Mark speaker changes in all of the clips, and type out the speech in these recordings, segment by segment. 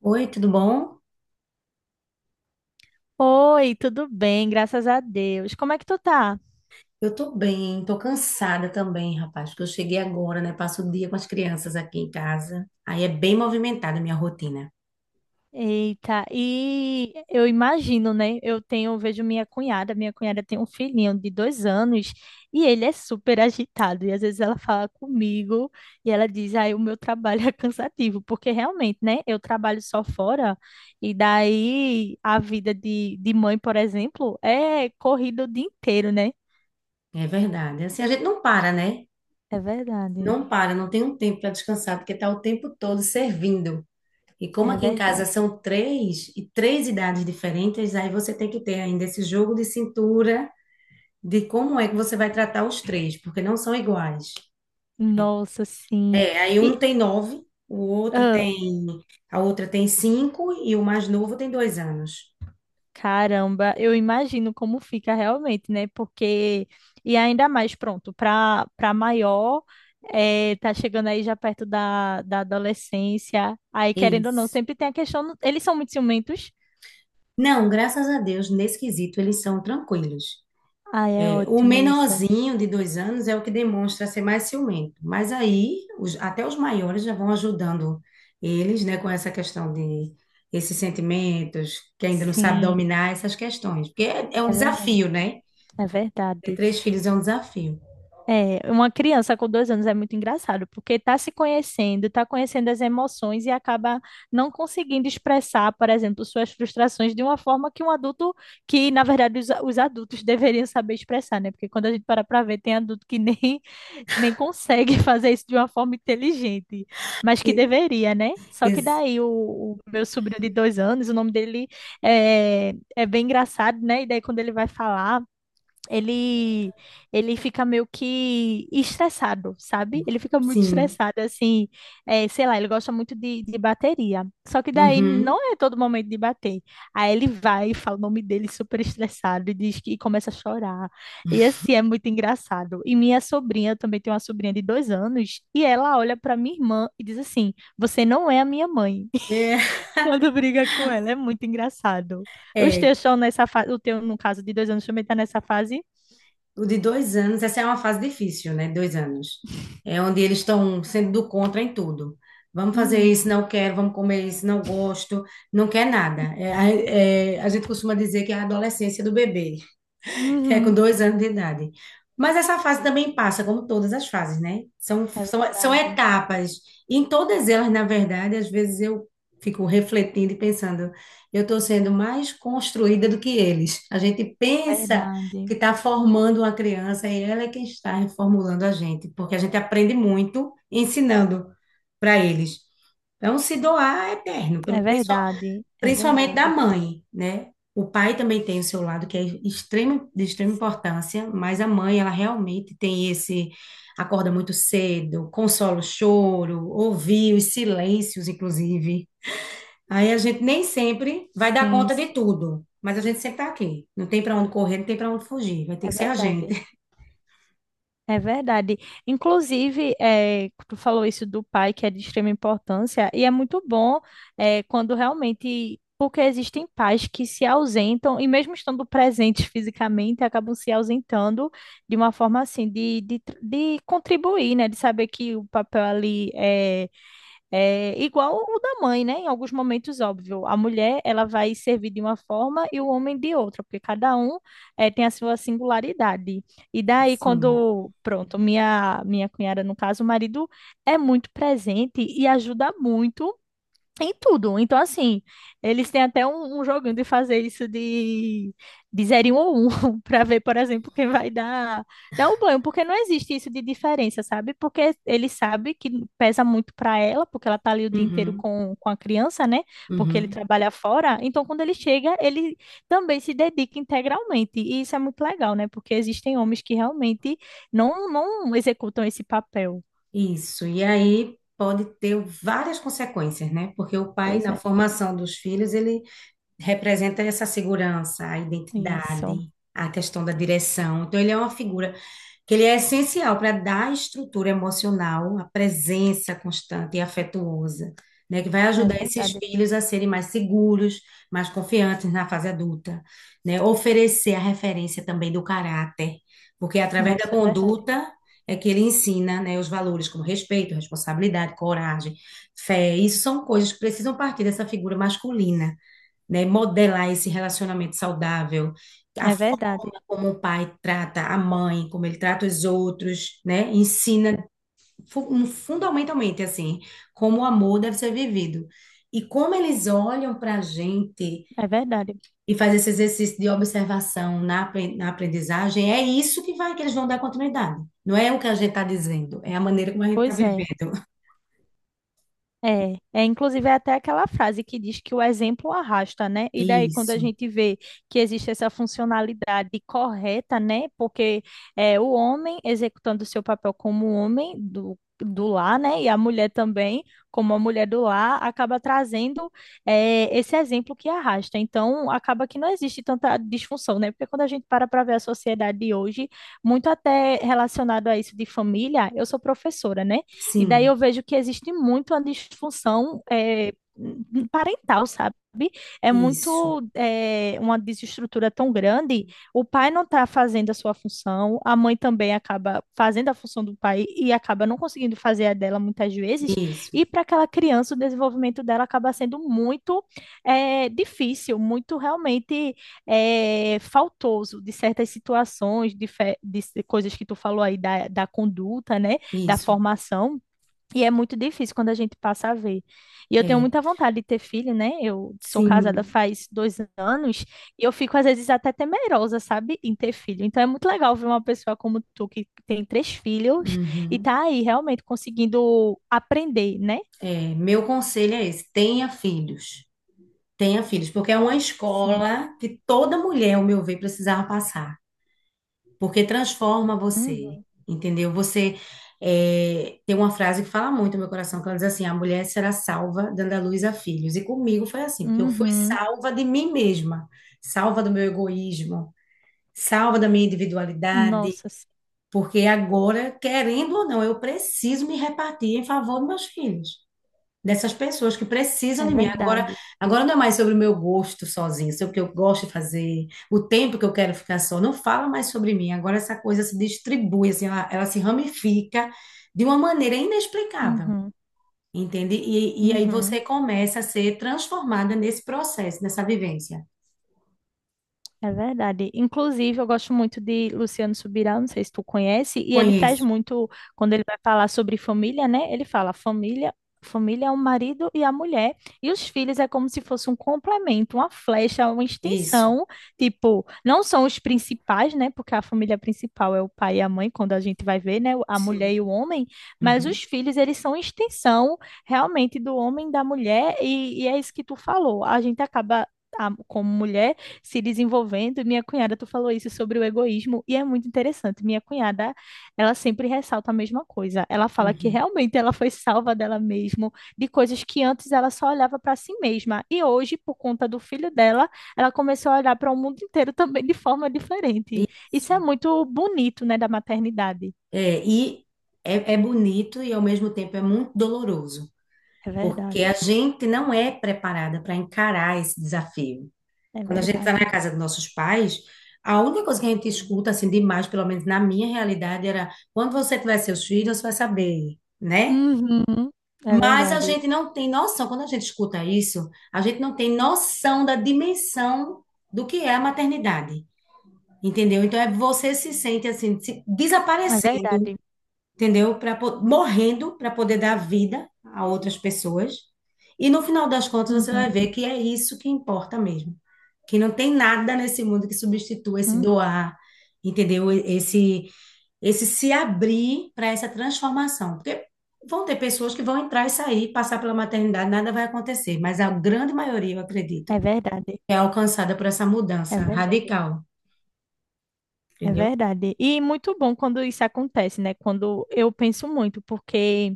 Speaker 1: Oi, tudo bom?
Speaker 2: Oi, tudo bem? Graças a Deus. Como é que tu tá?
Speaker 1: Eu tô bem, tô cansada também, rapaz, porque eu cheguei agora, né? Passo o dia com as crianças aqui em casa. Aí é bem movimentada a minha rotina.
Speaker 2: Eita, e eu imagino, né? Eu vejo minha cunhada tem um filhinho de 2 anos e ele é super agitado. E às vezes ela fala comigo e ela diz, ai, o meu trabalho é cansativo, porque realmente, né? Eu trabalho só fora e daí a vida de mãe, por exemplo, é corrida o dia inteiro, né?
Speaker 1: É verdade. Assim, a gente não para, né?
Speaker 2: É verdade,
Speaker 1: Não para, não tem um tempo para descansar, porque tá o tempo todo servindo. E como
Speaker 2: é
Speaker 1: aqui em casa
Speaker 2: verdade.
Speaker 1: são três e três idades diferentes, aí você tem que ter ainda esse jogo de cintura de como é que você vai tratar os três, porque não são iguais.
Speaker 2: Nossa, sim.
Speaker 1: É, aí um
Speaker 2: E,
Speaker 1: tem nove, o outro tem a outra tem cinco e o mais novo tem 2 anos.
Speaker 2: Caramba, eu imagino como fica realmente, né? Porque, e ainda mais, pronto, para maior, tá chegando aí já perto da adolescência, aí
Speaker 1: É
Speaker 2: querendo ou não,
Speaker 1: isso.
Speaker 2: sempre tem a questão, eles são muito ciumentos.
Speaker 1: Não, graças a Deus, nesse quesito eles são tranquilos.
Speaker 2: Ah, é
Speaker 1: É, o
Speaker 2: ótimo isso.
Speaker 1: menorzinho de 2 anos é o que demonstra ser mais ciumento, mas aí até os maiores já vão ajudando eles, né, com essa questão de esses sentimentos, que ainda não sabe
Speaker 2: Sim,
Speaker 1: dominar essas questões, porque é um
Speaker 2: é verdade,
Speaker 1: desafio, né?
Speaker 2: é
Speaker 1: Ter
Speaker 2: verdade.
Speaker 1: três filhos é um desafio.
Speaker 2: É, uma criança com 2 anos é muito engraçado, porque está se conhecendo, está conhecendo as emoções e acaba não conseguindo expressar, por exemplo, suas frustrações de uma forma que um adulto, que na verdade os adultos deveriam saber expressar, né? Porque quando a gente para para ver, tem adulto que nem consegue fazer isso de uma forma inteligente, mas que
Speaker 1: E-
Speaker 2: deveria, né? Só que
Speaker 1: ex-
Speaker 2: daí o meu sobrinho de 2 anos, o nome dele é bem engraçado, né? E daí quando ele vai falar, ele ele fica meio que estressado, sabe? Ele fica muito
Speaker 1: sim.
Speaker 2: estressado, assim, é, sei lá, ele gosta muito de bateria. Só que daí
Speaker 1: Uhum.
Speaker 2: não é todo momento de bater. Aí ele vai e fala o nome dele super estressado e diz que e começa a chorar. E assim, é muito engraçado. E minha sobrinha, eu também tenho uma sobrinha de 2 anos, e ela olha para minha irmã e diz assim, você não é a minha mãe.
Speaker 1: É,
Speaker 2: Quando briga com ela, é muito engraçado. Os
Speaker 1: é,
Speaker 2: teus estão nessa fase, o teu, no caso, de 2 anos também está nessa fase?
Speaker 1: O de 2 anos, essa é uma fase difícil, né? 2 anos. É onde eles estão sendo do contra em tudo. Vamos fazer
Speaker 2: Uhum.
Speaker 1: isso, não quero, vamos comer isso, não gosto, não quer nada. A gente costuma dizer que é a adolescência do bebê que é com
Speaker 2: Uhum.
Speaker 1: 2 anos de idade. Mas essa fase também passa, como todas as fases, né? São,
Speaker 2: É
Speaker 1: são, são
Speaker 2: verdade,
Speaker 1: etapas. E em todas elas, na verdade, às vezes eu fico refletindo e pensando, eu estou sendo mais construída do que eles. A gente pensa que
Speaker 2: verdade,
Speaker 1: está formando uma criança e ela é quem está reformulando a gente, porque a gente aprende muito ensinando para eles. Então, se doar é eterno,
Speaker 2: é verdade, é
Speaker 1: principalmente da
Speaker 2: verdade.
Speaker 1: mãe, né? O pai também tem o seu lado, que é extremo, de extrema
Speaker 2: Sim,
Speaker 1: importância, mas a mãe, ela realmente tem esse, acorda muito cedo, consola o choro, ouvir os silêncios, inclusive. Aí a gente nem sempre vai dar
Speaker 2: sim,
Speaker 1: conta de
Speaker 2: sim,
Speaker 1: tudo, mas a gente sempre tá aqui. Não tem para onde correr, não tem para onde fugir, vai ter
Speaker 2: é
Speaker 1: que ser a gente.
Speaker 2: verdade, é verdade. Inclusive, tu falou isso do pai, que é de extrema importância, e é muito bom quando realmente, porque existem pais que se ausentam, e mesmo estando presentes fisicamente, acabam se ausentando de uma forma assim, de contribuir, né? De saber que o papel ali é igual o da mãe, né? Em alguns momentos, óbvio. A mulher, ela vai servir de uma forma e o homem de outra, porque cada um tem a sua singularidade. E daí,
Speaker 1: Sim.
Speaker 2: quando, pronto, minha cunhada, no caso, o marido é muito presente e ajuda muito em tudo. Então, assim, eles têm até um joguinho de fazer isso de zero ou um, para ver, por exemplo, quem vai dar o banho, porque não existe isso de diferença, sabe? Porque ele sabe que pesa muito para ela, porque ela tá ali o dia inteiro
Speaker 1: Uhum,
Speaker 2: com a criança, né? Porque ele
Speaker 1: uhum.
Speaker 2: trabalha fora. Então, quando ele chega, ele também se dedica integralmente. E isso é muito legal, né? Porque existem homens que realmente não executam esse papel.
Speaker 1: Isso. E aí pode ter várias consequências, né? Porque o pai,
Speaker 2: Pois
Speaker 1: na
Speaker 2: é,
Speaker 1: formação dos filhos, ele representa essa segurança, a
Speaker 2: isso.
Speaker 1: identidade, a questão da direção. Então, ele é uma figura que ele é essencial para dar estrutura emocional, a presença constante e afetuosa, né, que vai
Speaker 2: É
Speaker 1: ajudar esses
Speaker 2: verdade.
Speaker 1: filhos a serem mais seguros, mais confiantes na fase adulta, né? Oferecer a referência também do caráter, porque é através da
Speaker 2: Nossa, é verdade.
Speaker 1: conduta é que ele ensina, né, os valores como respeito, responsabilidade, coragem, fé. Isso são coisas que precisam partir dessa figura masculina, né, modelar esse relacionamento saudável, a
Speaker 2: É verdade,
Speaker 1: forma como o pai trata a mãe, como ele trata os outros, né, ensina fundamentalmente assim como o amor deve ser vivido e como eles olham para a gente
Speaker 2: é verdade.
Speaker 1: e faz esse exercício de observação na aprendizagem, é isso que vai que eles vão dar continuidade. Não é o que a gente está dizendo, é a maneira como a gente está
Speaker 2: Pois é.
Speaker 1: vivendo.
Speaker 2: Inclusive é até aquela frase que diz que o exemplo arrasta, né? E daí, quando a
Speaker 1: Isso,
Speaker 2: gente vê que existe essa funcionalidade correta, né? Porque é o homem executando o seu papel como homem do lar, né? E a mulher também, como a mulher do lar, acaba trazendo esse exemplo que arrasta. Então, acaba que não existe tanta disfunção, né? Porque quando a gente para para ver a sociedade de hoje, muito até relacionado a isso de família, eu sou professora, né? E daí
Speaker 1: sim,
Speaker 2: eu vejo que existe muito a disfunção parental, sabe? É
Speaker 1: isso,
Speaker 2: muito uma desestrutura tão grande. O pai não está fazendo a sua função, a mãe também acaba fazendo a função do pai e acaba não conseguindo fazer a dela muitas vezes.
Speaker 1: isso,
Speaker 2: E para aquela criança, o desenvolvimento dela acaba sendo muito difícil, muito realmente faltoso de certas situações, de coisas que tu falou aí da conduta, né? Da
Speaker 1: isso,
Speaker 2: formação e é muito difícil quando a gente passa a ver. E eu tenho
Speaker 1: é,
Speaker 2: muita vontade de ter filho, né? Eu sou casada
Speaker 1: sim,
Speaker 2: faz 2 anos e eu fico, às vezes, até temerosa, sabe, em ter filho. Então é muito legal ver uma pessoa como tu, que tem três filhos e
Speaker 1: uhum.
Speaker 2: tá aí realmente conseguindo aprender, né?
Speaker 1: Meu conselho é esse: tenha filhos. Tenha filhos, porque é uma
Speaker 2: Sim.
Speaker 1: escola que toda mulher, ao meu ver, precisava passar, porque transforma você,
Speaker 2: Uhum.
Speaker 1: entendeu? Você tem uma frase que fala muito no meu coração, que ela diz assim: a mulher será salva dando à luz a filhos. E comigo foi assim, porque eu fui
Speaker 2: Uhum.
Speaker 1: salva de mim mesma, salva do meu egoísmo, salva da minha individualidade,
Speaker 2: Nossa, sim.
Speaker 1: porque agora, querendo ou não, eu preciso me repartir em favor dos meus filhos, dessas pessoas que precisam
Speaker 2: É
Speaker 1: de mim. Agora,
Speaker 2: verdade.
Speaker 1: agora não é mais sobre o meu gosto sozinho, sobre o que eu gosto de fazer, o tempo que eu quero ficar só. Não fala mais sobre mim. Agora essa coisa se distribui, assim, ela se ramifica de uma maneira inexplicável,
Speaker 2: Uhum.
Speaker 1: entende? E aí
Speaker 2: Uhum.
Speaker 1: você começa a ser transformada nesse processo, nessa vivência.
Speaker 2: É verdade. Inclusive, eu gosto muito de Luciano Subirá, não sei se tu conhece, e ele traz
Speaker 1: Conheço.
Speaker 2: muito, quando ele vai falar sobre família, né? Ele fala, família, família é o marido e a mulher, e os filhos é como se fosse um complemento, uma flecha, uma
Speaker 1: Isso.
Speaker 2: extensão, tipo, não são os principais, né? Porque a família principal é o pai e a mãe, quando a gente vai ver, né? A mulher
Speaker 1: Sim.
Speaker 2: e o homem, mas
Speaker 1: Uhum,
Speaker 2: os filhos, eles são extensão realmente do homem e da mulher, e é isso que tu falou. A gente acaba como mulher se desenvolvendo. Minha cunhada, tu falou isso sobre o egoísmo, e é muito interessante. Minha cunhada, ela sempre ressalta a mesma coisa. Ela fala que
Speaker 1: uhum.
Speaker 2: realmente ela foi salva dela mesma, de coisas que antes ela só olhava para si mesma. E hoje, por conta do filho dela, ela começou a olhar para o mundo inteiro também de forma diferente. Isso
Speaker 1: Isso.
Speaker 2: é muito bonito, né, da maternidade.
Speaker 1: É, e é bonito e ao mesmo tempo é muito doloroso,
Speaker 2: É
Speaker 1: porque
Speaker 2: verdade,
Speaker 1: a gente não é preparada para encarar esse desafio.
Speaker 2: é
Speaker 1: Quando a gente está
Speaker 2: verdade.
Speaker 1: na casa dos nossos pais, a única coisa que a gente escuta assim demais, pelo menos na minha realidade, era quando você tiver seus filhos, você vai saber, né?
Speaker 2: Uhum, é
Speaker 1: Mas a
Speaker 2: verdade,
Speaker 1: gente não tem noção, quando a gente escuta isso, a gente não tem noção da dimensão do que é a maternidade, entendeu? Então é você se sente assim,
Speaker 2: é
Speaker 1: desaparecendo,
Speaker 2: verdade.
Speaker 1: entendeu? Para, morrendo para poder dar vida a outras pessoas. E no final das contas você vai
Speaker 2: Uhum,
Speaker 1: ver que é isso que importa mesmo. Que não tem nada nesse mundo que substitua esse
Speaker 2: uhum,
Speaker 1: doar, entendeu? Esse se abrir para essa transformação. Porque vão ter pessoas que vão entrar e sair, passar pela maternidade, nada vai acontecer, mas a grande maioria, eu
Speaker 2: é
Speaker 1: acredito,
Speaker 2: verdade,
Speaker 1: é alcançada por essa
Speaker 2: é
Speaker 1: mudança
Speaker 2: verdade.
Speaker 1: radical,
Speaker 2: É
Speaker 1: entendeu?
Speaker 2: verdade. E muito bom quando isso acontece, né? Quando eu penso muito, porque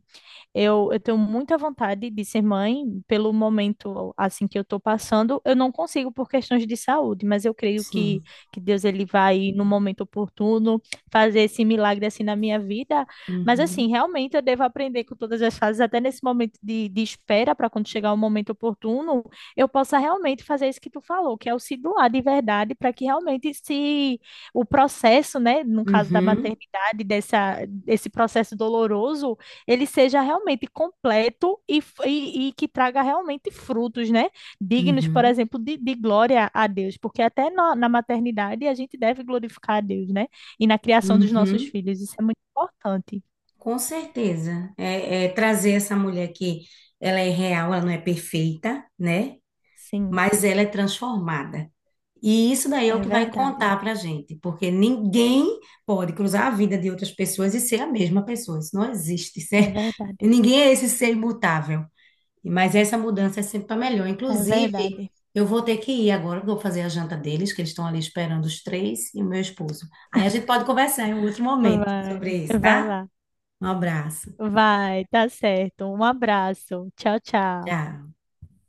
Speaker 2: eu tenho muita vontade de ser mãe pelo momento assim que eu estou passando. Eu não consigo por questões de saúde, mas eu creio que,
Speaker 1: Sim.
Speaker 2: que Deus ele vai no momento oportuno fazer esse milagre assim na minha vida. Mas assim,
Speaker 1: Uhum.
Speaker 2: realmente eu devo aprender com todas as fases, até nesse momento de espera para quando chegar o momento oportuno, eu possa realmente fazer isso que tu falou, que é o se doar de verdade para que realmente se o processo, né, no caso da
Speaker 1: Uhum.
Speaker 2: maternidade, desse processo doloroso ele seja realmente completo e que traga realmente frutos, né? Dignos, por
Speaker 1: Uhum.
Speaker 2: exemplo, de glória a Deus, porque até na maternidade a gente deve glorificar a Deus, né? E na criação dos nossos
Speaker 1: Uhum.
Speaker 2: filhos, isso é muito importante.
Speaker 1: Com certeza. É, é trazer essa mulher que ela é real, ela não é perfeita, né?
Speaker 2: Sim,
Speaker 1: Mas ela é transformada. E isso daí é
Speaker 2: é
Speaker 1: o que vai
Speaker 2: verdade,
Speaker 1: contar pra gente, porque ninguém pode cruzar a vida de outras pessoas e ser a mesma pessoa. Isso não existe. Isso
Speaker 2: é
Speaker 1: é-
Speaker 2: verdade,
Speaker 1: Ninguém é esse ser imutável. Mas essa mudança é sempre para melhor.
Speaker 2: é
Speaker 1: Inclusive,
Speaker 2: verdade.
Speaker 1: eu vou ter que ir agora, porque eu vou fazer a janta deles, que eles estão ali esperando os três e o meu esposo. Aí a gente pode conversar em um outro momento
Speaker 2: Vai,
Speaker 1: sobre isso,
Speaker 2: vai
Speaker 1: tá?
Speaker 2: lá,
Speaker 1: Um abraço.
Speaker 2: vai, tá certo. Um abraço, tchau, tchau.
Speaker 1: Já.